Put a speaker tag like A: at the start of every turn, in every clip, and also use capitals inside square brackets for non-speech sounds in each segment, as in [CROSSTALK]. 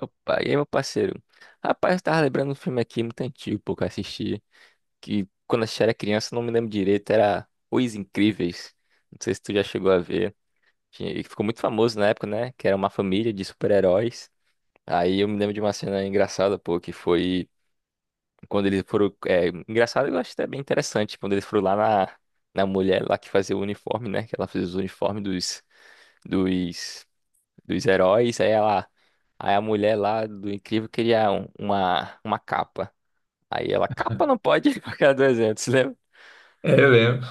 A: Opa, e aí, meu parceiro? Rapaz, eu tava lembrando um filme aqui muito antigo, pô, que eu assisti, que quando eu assisti era criança, eu não me lembro direito, era Os Incríveis. Não sei se tu já chegou a ver. E ficou muito famoso na época, né? Que era uma família de super-heróis. Aí eu me lembro de uma cena engraçada, pô, que foi quando eles foram. É, engraçado, eu acho até bem interessante, quando eles foram lá na, na mulher lá que fazia o uniforme, né? Que ela fez os uniformes Dos dos heróis, aí ela, aí a mulher lá do Incrível queria uma capa. Aí ela, capa não pode, [LAUGHS] porque era 200, lembra?
B: É, eu lembro.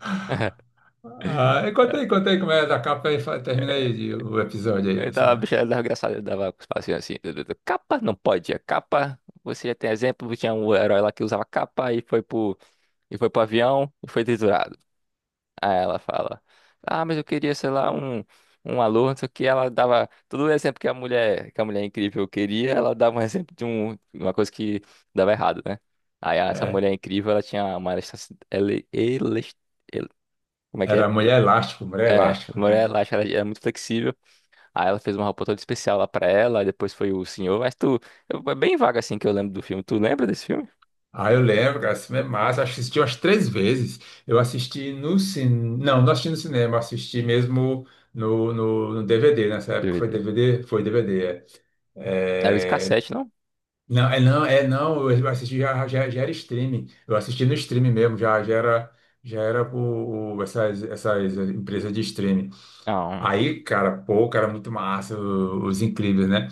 B: [LAUGHS]
A: [LAUGHS]
B: Ah, e conta aí como é da capa e termina aí o episódio
A: Eu
B: aí,
A: tava, a
B: sabe?
A: bicha era engraçada, eu dava os passinhos assim, capa não pode, é capa, você já tem exemplo, tinha um herói lá que usava capa e foi pro avião e foi triturado. Aí ela fala, ah, mas eu queria, sei lá, um aluno, só que ela dava todo o exemplo que a mulher, incrível queria, ela dava um exemplo de uma coisa que dava errado, né? Aí essa
B: É,
A: mulher incrível, ela tinha uma elasticidade, como é que é?
B: era Mulher Elástico, Mulher
A: É,
B: Elástico,
A: a mulher
B: né?
A: elástica, ela era muito flexível, aí ela fez uma roupa toda especial lá pra ela, aí depois foi o senhor, mas tu, é bem vaga assim que eu lembro do filme, tu lembra desse filme?
B: Ah, eu lembro, cara, esse filme é massa. Acho que assisti umas três vezes. Eu assisti no cinema. Não, não assisti no cinema, assisti mesmo no DVD. Nessa época foi
A: DVD.
B: DVD? Foi DVD, é.
A: Era de
B: É,
A: cassete, não?
B: não, é não, é não, eu assisti, já era streaming, eu assisti no streaming mesmo, já era, já era o, essas empresas de streaming.
A: Não,
B: Aí, cara, pô, cara, muito massa, os Incríveis, né?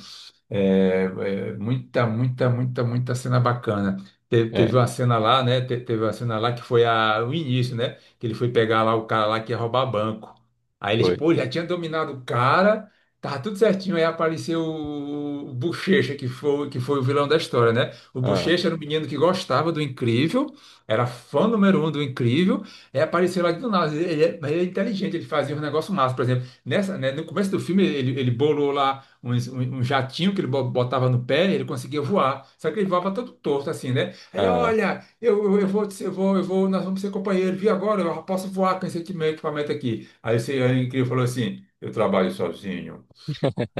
B: É, é, muita, muita, muita, muita cena bacana. Teve
A: é,
B: uma cena lá, né? Teve uma cena lá que foi o início, né? Que ele foi pegar lá o cara lá que ia roubar banco. Aí ele,
A: foi.
B: pô, já tinha dominado o cara, tava tudo certinho. Aí apareceu o Bochecha, que foi, o vilão da história, né? O
A: Ah,
B: Bochecha era um menino que gostava do Incrível, era fã número um do Incrível. Aí apareceu lá do nada. Ele é, mas ele é inteligente, ele fazia um negócio massa, por exemplo. Nessa, né, no começo do filme, ele bolou lá um jatinho que ele botava no pé, ele conseguia voar. Só que ele voava todo torto, assim, né? Ele,
A: ah,
B: olha, eu vou, nós vamos ser companheiros, vi agora, eu posso voar com esse equipamento aqui. Aí esse aí o Incrível falou assim: eu trabalho sozinho.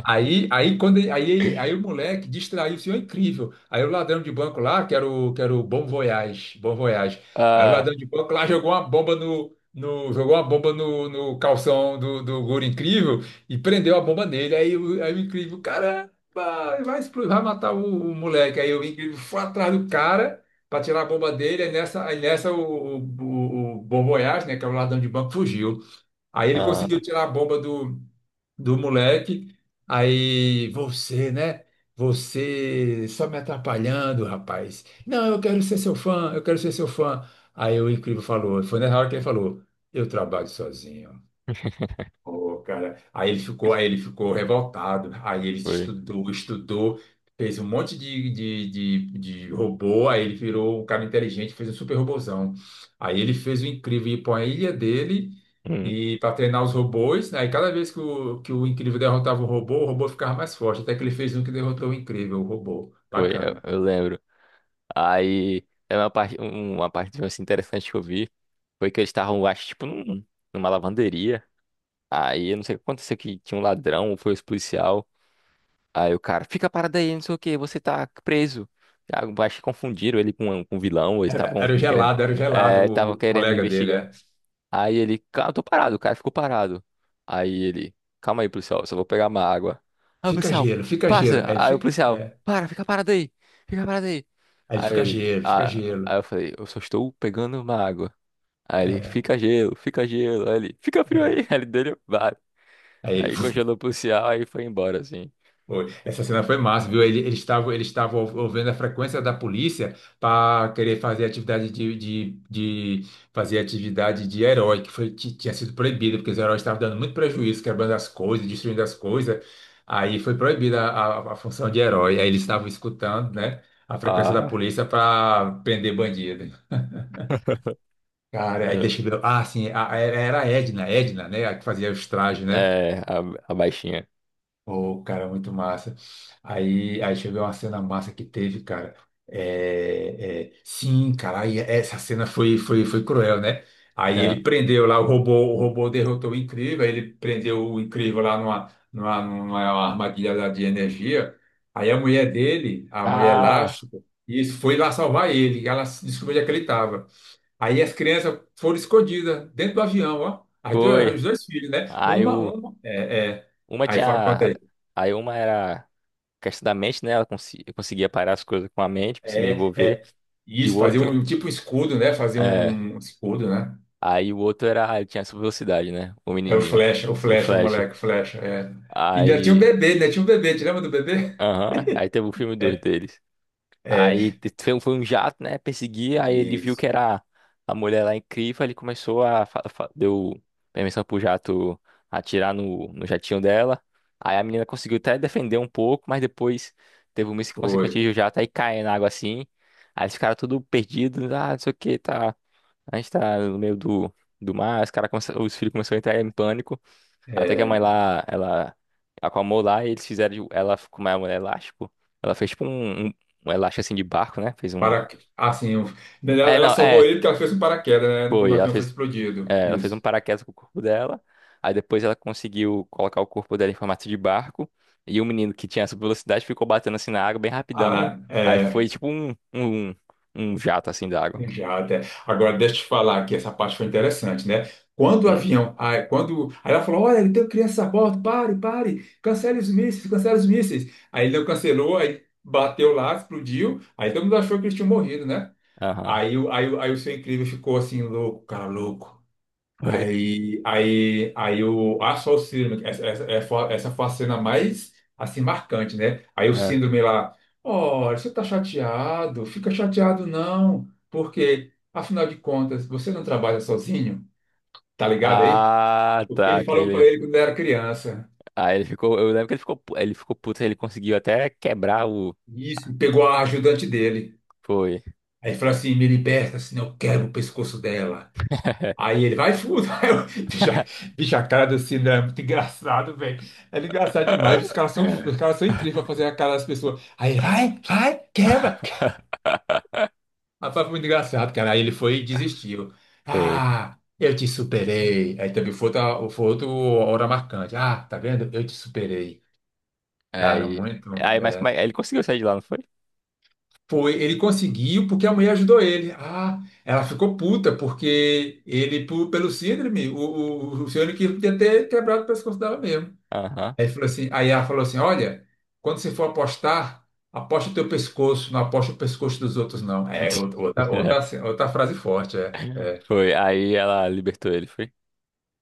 B: Quando, ele- aí o moleque distraiu o senhor Incrível. Aí o ladrão de banco lá, que era o Bom Voyage, Bom Voyage. Aí o
A: ah.
B: ladrão de banco lá jogou uma bomba no, no calção do Guri Incrível e prendeu a bomba nele. Aí, aí o Incrível, caramba, vai explodir, vai matar o moleque. Aí o Incrível foi atrás do cara para tirar a bomba dele. Aí nessa o Bom Voyage, né, que era o ladrão de banco, fugiu. Aí ele conseguiu
A: Ah,
B: tirar a bomba do moleque. Aí você, né? Você só me atrapalhando, rapaz. Não, eu quero ser seu fã, eu quero ser seu fã. Aí o Incrível falou, foi na hora que ele falou, eu trabalho sozinho. Pô, cara, aí ele ficou revoltado. Aí ele
A: foi.
B: estudou, estudou, fez um monte de robô. Aí ele virou um cara inteligente, fez um super robôzão. Aí ele fez o Incrível ir para a ilha dele
A: Uhum.
B: e para treinar os robôs. Aí cada vez que o Incrível derrotava um robô, o robô ficava mais forte. Até que ele fez um que derrotou o Incrível, o robô.
A: Foi,
B: Bacana.
A: eu lembro. Aí, é uma parte, uma parte assim, interessante que eu vi foi que eles estavam, acho, tipo, numa lavanderia. Aí, eu não sei o que aconteceu, que tinha um ladrão, ou foi os policial. Aí o cara, fica parado aí, não sei o que, você tá preso. Ah, eu acho que confundiram ele com um vilão, ou eles
B: Era,
A: estavam
B: era o
A: querendo,
B: gelado, era o gelado,
A: é,
B: o,
A: estavam
B: o
A: querendo
B: colega dele,
A: investigar.
B: é.
A: Aí ele, cara, eu tô parado, o cara ficou parado. Aí ele, calma aí, policial, só vou pegar uma água. Aí o
B: Fica
A: policial,
B: gelo, fica gelo.
A: passa!
B: Aí ele
A: Aí o
B: fica,
A: policial,
B: é.
A: para, fica parado aí, fica parado aí.
B: Aí ele
A: Aí
B: fica
A: ele,
B: gelo, fica
A: ah,
B: gelo.
A: aí eu falei, eu só estou pegando uma água. Aí ele, fica gelo, fica gelo. Aí ele, fica frio aí. [LAUGHS] Aí ele dele, vai.
B: Aí ele.
A: Aí
B: [LAUGHS]
A: congelou o policial, aí foi embora, assim.
B: Foi. Essa cena foi massa, viu? Eles estavam ouvindo a frequência da polícia para querer fazer atividade de herói, que foi, tinha sido proibida, porque os heróis estavam dando muito prejuízo, quebrando as coisas, destruindo as coisas. Aí foi proibida a função de herói. Aí eles estavam escutando, né, a frequência da
A: Ah,
B: polícia para prender bandido.
A: [LAUGHS]
B: Cara, aí
A: eu-
B: deixa eu ver. Ah, sim, era a Edna, Edna, né, a que fazia os trajes, né?
A: é, a baixinha.
B: Ô, cara, muito massa. Aí chegou uma cena massa que teve, cara. É, é, sim, cara, aí essa cena foi, foi cruel, né? Aí
A: É.
B: ele prendeu lá o robô derrotou o Incrível, aí ele prendeu o Incrível lá numa armadilha lá de energia. Aí a mulher dele, a mulher
A: Ah,
B: elástica, isso foi lá salvar ele, ela descobriu onde é que ele estava. Aí as crianças foram escondidas dentro do avião, ó.
A: foi.
B: Os dois filhos, né?
A: Aí
B: Uma,
A: o,
B: uma, é, é.
A: uma
B: Aí fala,
A: tinha, aí uma era. Questão da mente, né? Ela eu conseguia parar as coisas com a mente, conseguia
B: é,
A: envolver.
B: é
A: E o
B: isso, fazer
A: outro,
B: um tipo escudo, né? Fazer
A: é,
B: um escudo, né?
A: aí o outro era, ele tinha essa velocidade, né? O
B: É o
A: menininho,
B: flecha, o
A: o
B: flecha, o
A: Flash.
B: moleque, o flecha. É. E ainda tinha um
A: Aí,
B: bebê, né? Tinha um bebê, te lembra do bebê?
A: aham, aí teve o filme dois
B: É,
A: deles. Aí
B: é
A: foi um jato, né? Perseguir, aí ele viu que
B: isso,
A: era a mulher lá incrível, ele começou a. Deu permissão pro jato atirar no, no jatinho dela. Aí a menina conseguiu até defender um pouco, mas depois teve um míssil que conseguiu
B: foi.
A: atingir o jato, aí cai na água assim. Aí eles ficaram tudo perdidos, ah, não sei o que, tá. A gente tá no meio do, do mar, os, cara os filhos começaram a entrar em pânico. Até que a mãe
B: É,
A: lá, ela acalmou lá e eles fizeram, ela como é um elástico, ela fez tipo um, um, um elástico assim de barco, né? Fez um.
B: para, assim, ela
A: É,
B: ela
A: não,
B: salvou
A: é,
B: ele porque ela fez um paraquedas, né? Quando o
A: foi. Ela
B: avião foi
A: fez,
B: explodido.
A: é, ela fez um
B: Isso.
A: paraquedas com o corpo dela. Aí depois ela conseguiu colocar o corpo dela em formato de barco. E o menino que tinha essa velocidade ficou batendo assim na água bem rapidão.
B: Ah,
A: Aí foi
B: é.
A: tipo um jato assim da água.
B: Já até. Agora, deixa eu te falar que essa parte foi interessante, né? Quando o
A: Hum.
B: avião. Aí, aí ela falou: olha, ele tem criança a bordo, pare, pare, cancele os mísseis, cancele os mísseis. Aí ele não cancelou, aí bateu lá, explodiu. Aí todo mundo achou que eles tinham morrido, né?
A: Aham.
B: Aí, aí o seu Incrível ficou assim, louco, cara, louco.
A: Foi.
B: Aí, o, a só o Síndrome, essa foi a cena mais, assim, marcante, né? Aí o
A: Ah,
B: Síndrome lá, olha, você tá chateado, fica chateado não, porque, afinal de contas, você não trabalha sozinho, tá ligado aí?
A: ah,
B: O que
A: tá,
B: ele falou pra
A: querido.
B: ele quando ele era criança.
A: Aí ele ficou, eu lembro que ele ficou, ele ficou puto, ele conseguiu até quebrar o.
B: Isso, e pegou a ajudante dele.
A: Foi.
B: Aí falou assim, me liberta, senão eu quebro o pescoço dela. Aí ele vai fundo. [LAUGHS] Aí eu, bicho, bicho, a cara do Sidra é muito engraçado, velho. É engraçado demais. Os caras são incríveis pra
A: [LAUGHS]
B: fazer a cara das pessoas. Aí ele vai, vai, quebra. [LAUGHS] Rapaz, foi muito engraçado, cara. Aí ele foi e desistiu.
A: Foi.
B: Ah, eu te superei. Aí também foi outra hora marcante. Ah, tá vendo? Eu te superei. Cara,
A: Aí.
B: muito.
A: Aí, mas como é? Ele conseguiu sair de lá, não foi?
B: Foi, ele conseguiu porque a mulher ajudou ele. Ah, ela ficou puta porque ele, pelo Síndrome, o senhor que podia ter quebrado o pescoço dela mesmo.
A: Aham.
B: Aí, ele falou assim, aí ela falou assim: olha, quando você for apostar, aposta o teu pescoço, não aposta o pescoço dos outros, não. É outra, outra,
A: [LAUGHS]
B: outra frase forte, é. É.
A: Foi. Aí ela libertou ele, foi?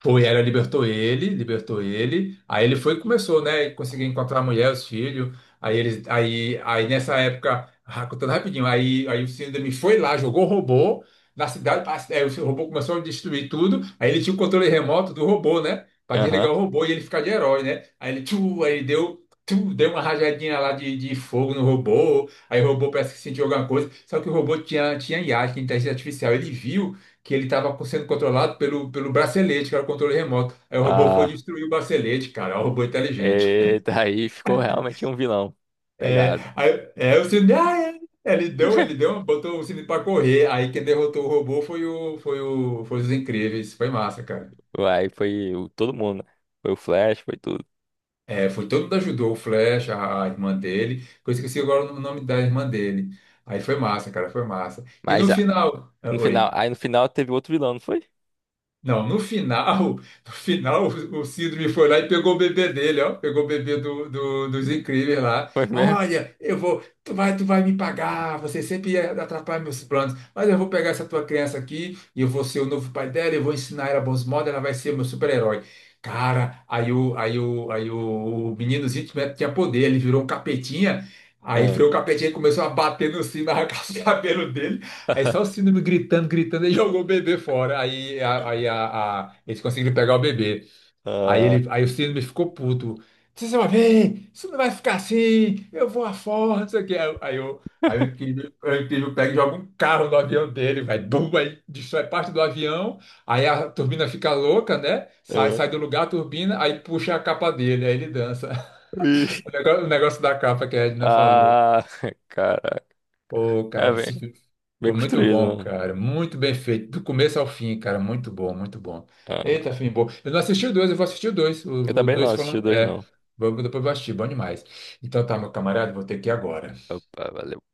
B: Foi, ela libertou ele, libertou ele. Aí ele foi e começou, né? Conseguiu encontrar a mulher, os filhos. Aí eles, aí nessa época, ah, contando rapidinho, aí o Síndrome foi lá, jogou robô na cidade. Aí o robô começou a destruir tudo. Aí ele tinha o controle remoto do robô, né? Para
A: Aham.
B: desligar o robô e ele ficar de herói, né? Aí ele, tchu, aí ele deu, tchu, deu uma rajadinha lá de fogo no robô. Aí o robô parece que sentiu alguma coisa. Só que o robô tinha, IA, tinha inteligência artificial. Ele viu que ele estava sendo controlado pelo bracelete, que era o controle remoto. Aí o robô foi
A: Ah.
B: destruir o bracelete, cara, é um robô inteligente.
A: Eita, aí ficou realmente um vilão.
B: É,
A: Pegado.
B: aí, é, o Cine, ah, é. Ele deu, ele
A: [LAUGHS]
B: deu, botou o Cine para correr. Aí quem derrotou o robô foi o, foi os Incríveis. Foi massa, cara.
A: Aí foi todo mundo, né? Foi o Flash, foi tudo.
B: É, foi todo mundo ajudou, o Flash, a irmã dele. Que eu esqueci agora o nome da irmã dele. Aí foi massa, cara, foi massa. E no
A: Mas ah,
B: final, ah,
A: no final,
B: oi.
A: aí no final teve outro vilão, não foi?
B: Não, no final, [LAUGHS] no final o Síndrome foi lá e pegou o bebê dele, ó, pegou o bebê dos Incríveis lá.
A: Foi mesmo?
B: Olha, eu vou, tu vai me pagar, você sempre atrapalha meus planos, mas eu vou pegar essa tua criança aqui e eu vou ser o novo pai dela, eu vou ensinar ela bons modos, ela vai ser meu super-herói. Cara, aí o meninozinho tinha poder, ele virou um capetinha, aí
A: Ah,
B: foi o capetinha e começou a bater no sino, [LAUGHS] arrancar os cabelos. Aí só o Síndrome gritando, gritando, ele [LAUGHS] jogou o bebê fora. Aí, eles conseguiram pegar o bebê. Aí,
A: ah,
B: o Síndrome ficou puto. Vocês vão ver, isso não vai ficar assim, eu vou afora, não sei o quê. Aí, o Incrível, pega e joga um carro no avião dele, vai, bum, aí destrói parte do avião. Aí a turbina fica louca, né? Sai,
A: ah.
B: sai do lugar a turbina, aí puxa a capa dele, aí ele dança. [LAUGHS]
A: Ih.
B: O negócio da capa que a Edna falou.
A: Ah, [LAUGHS] cara.
B: Pô,
A: É
B: cara, esse
A: bem,
B: filme
A: bem
B: foi muito bom,
A: construído, né?
B: cara. Muito bem feito. Do começo ao fim, cara. Muito bom, muito bom.
A: Ah,
B: Eita, filme bom. Eu não assisti o dois, eu vou assistir o dois.
A: eu
B: O
A: também não
B: dois
A: assisti o
B: falando.
A: dois,
B: É,
A: não.
B: depois eu vou assistir, bom demais. Então tá, meu camarada, vou ter que ir agora.
A: Opa, valeu.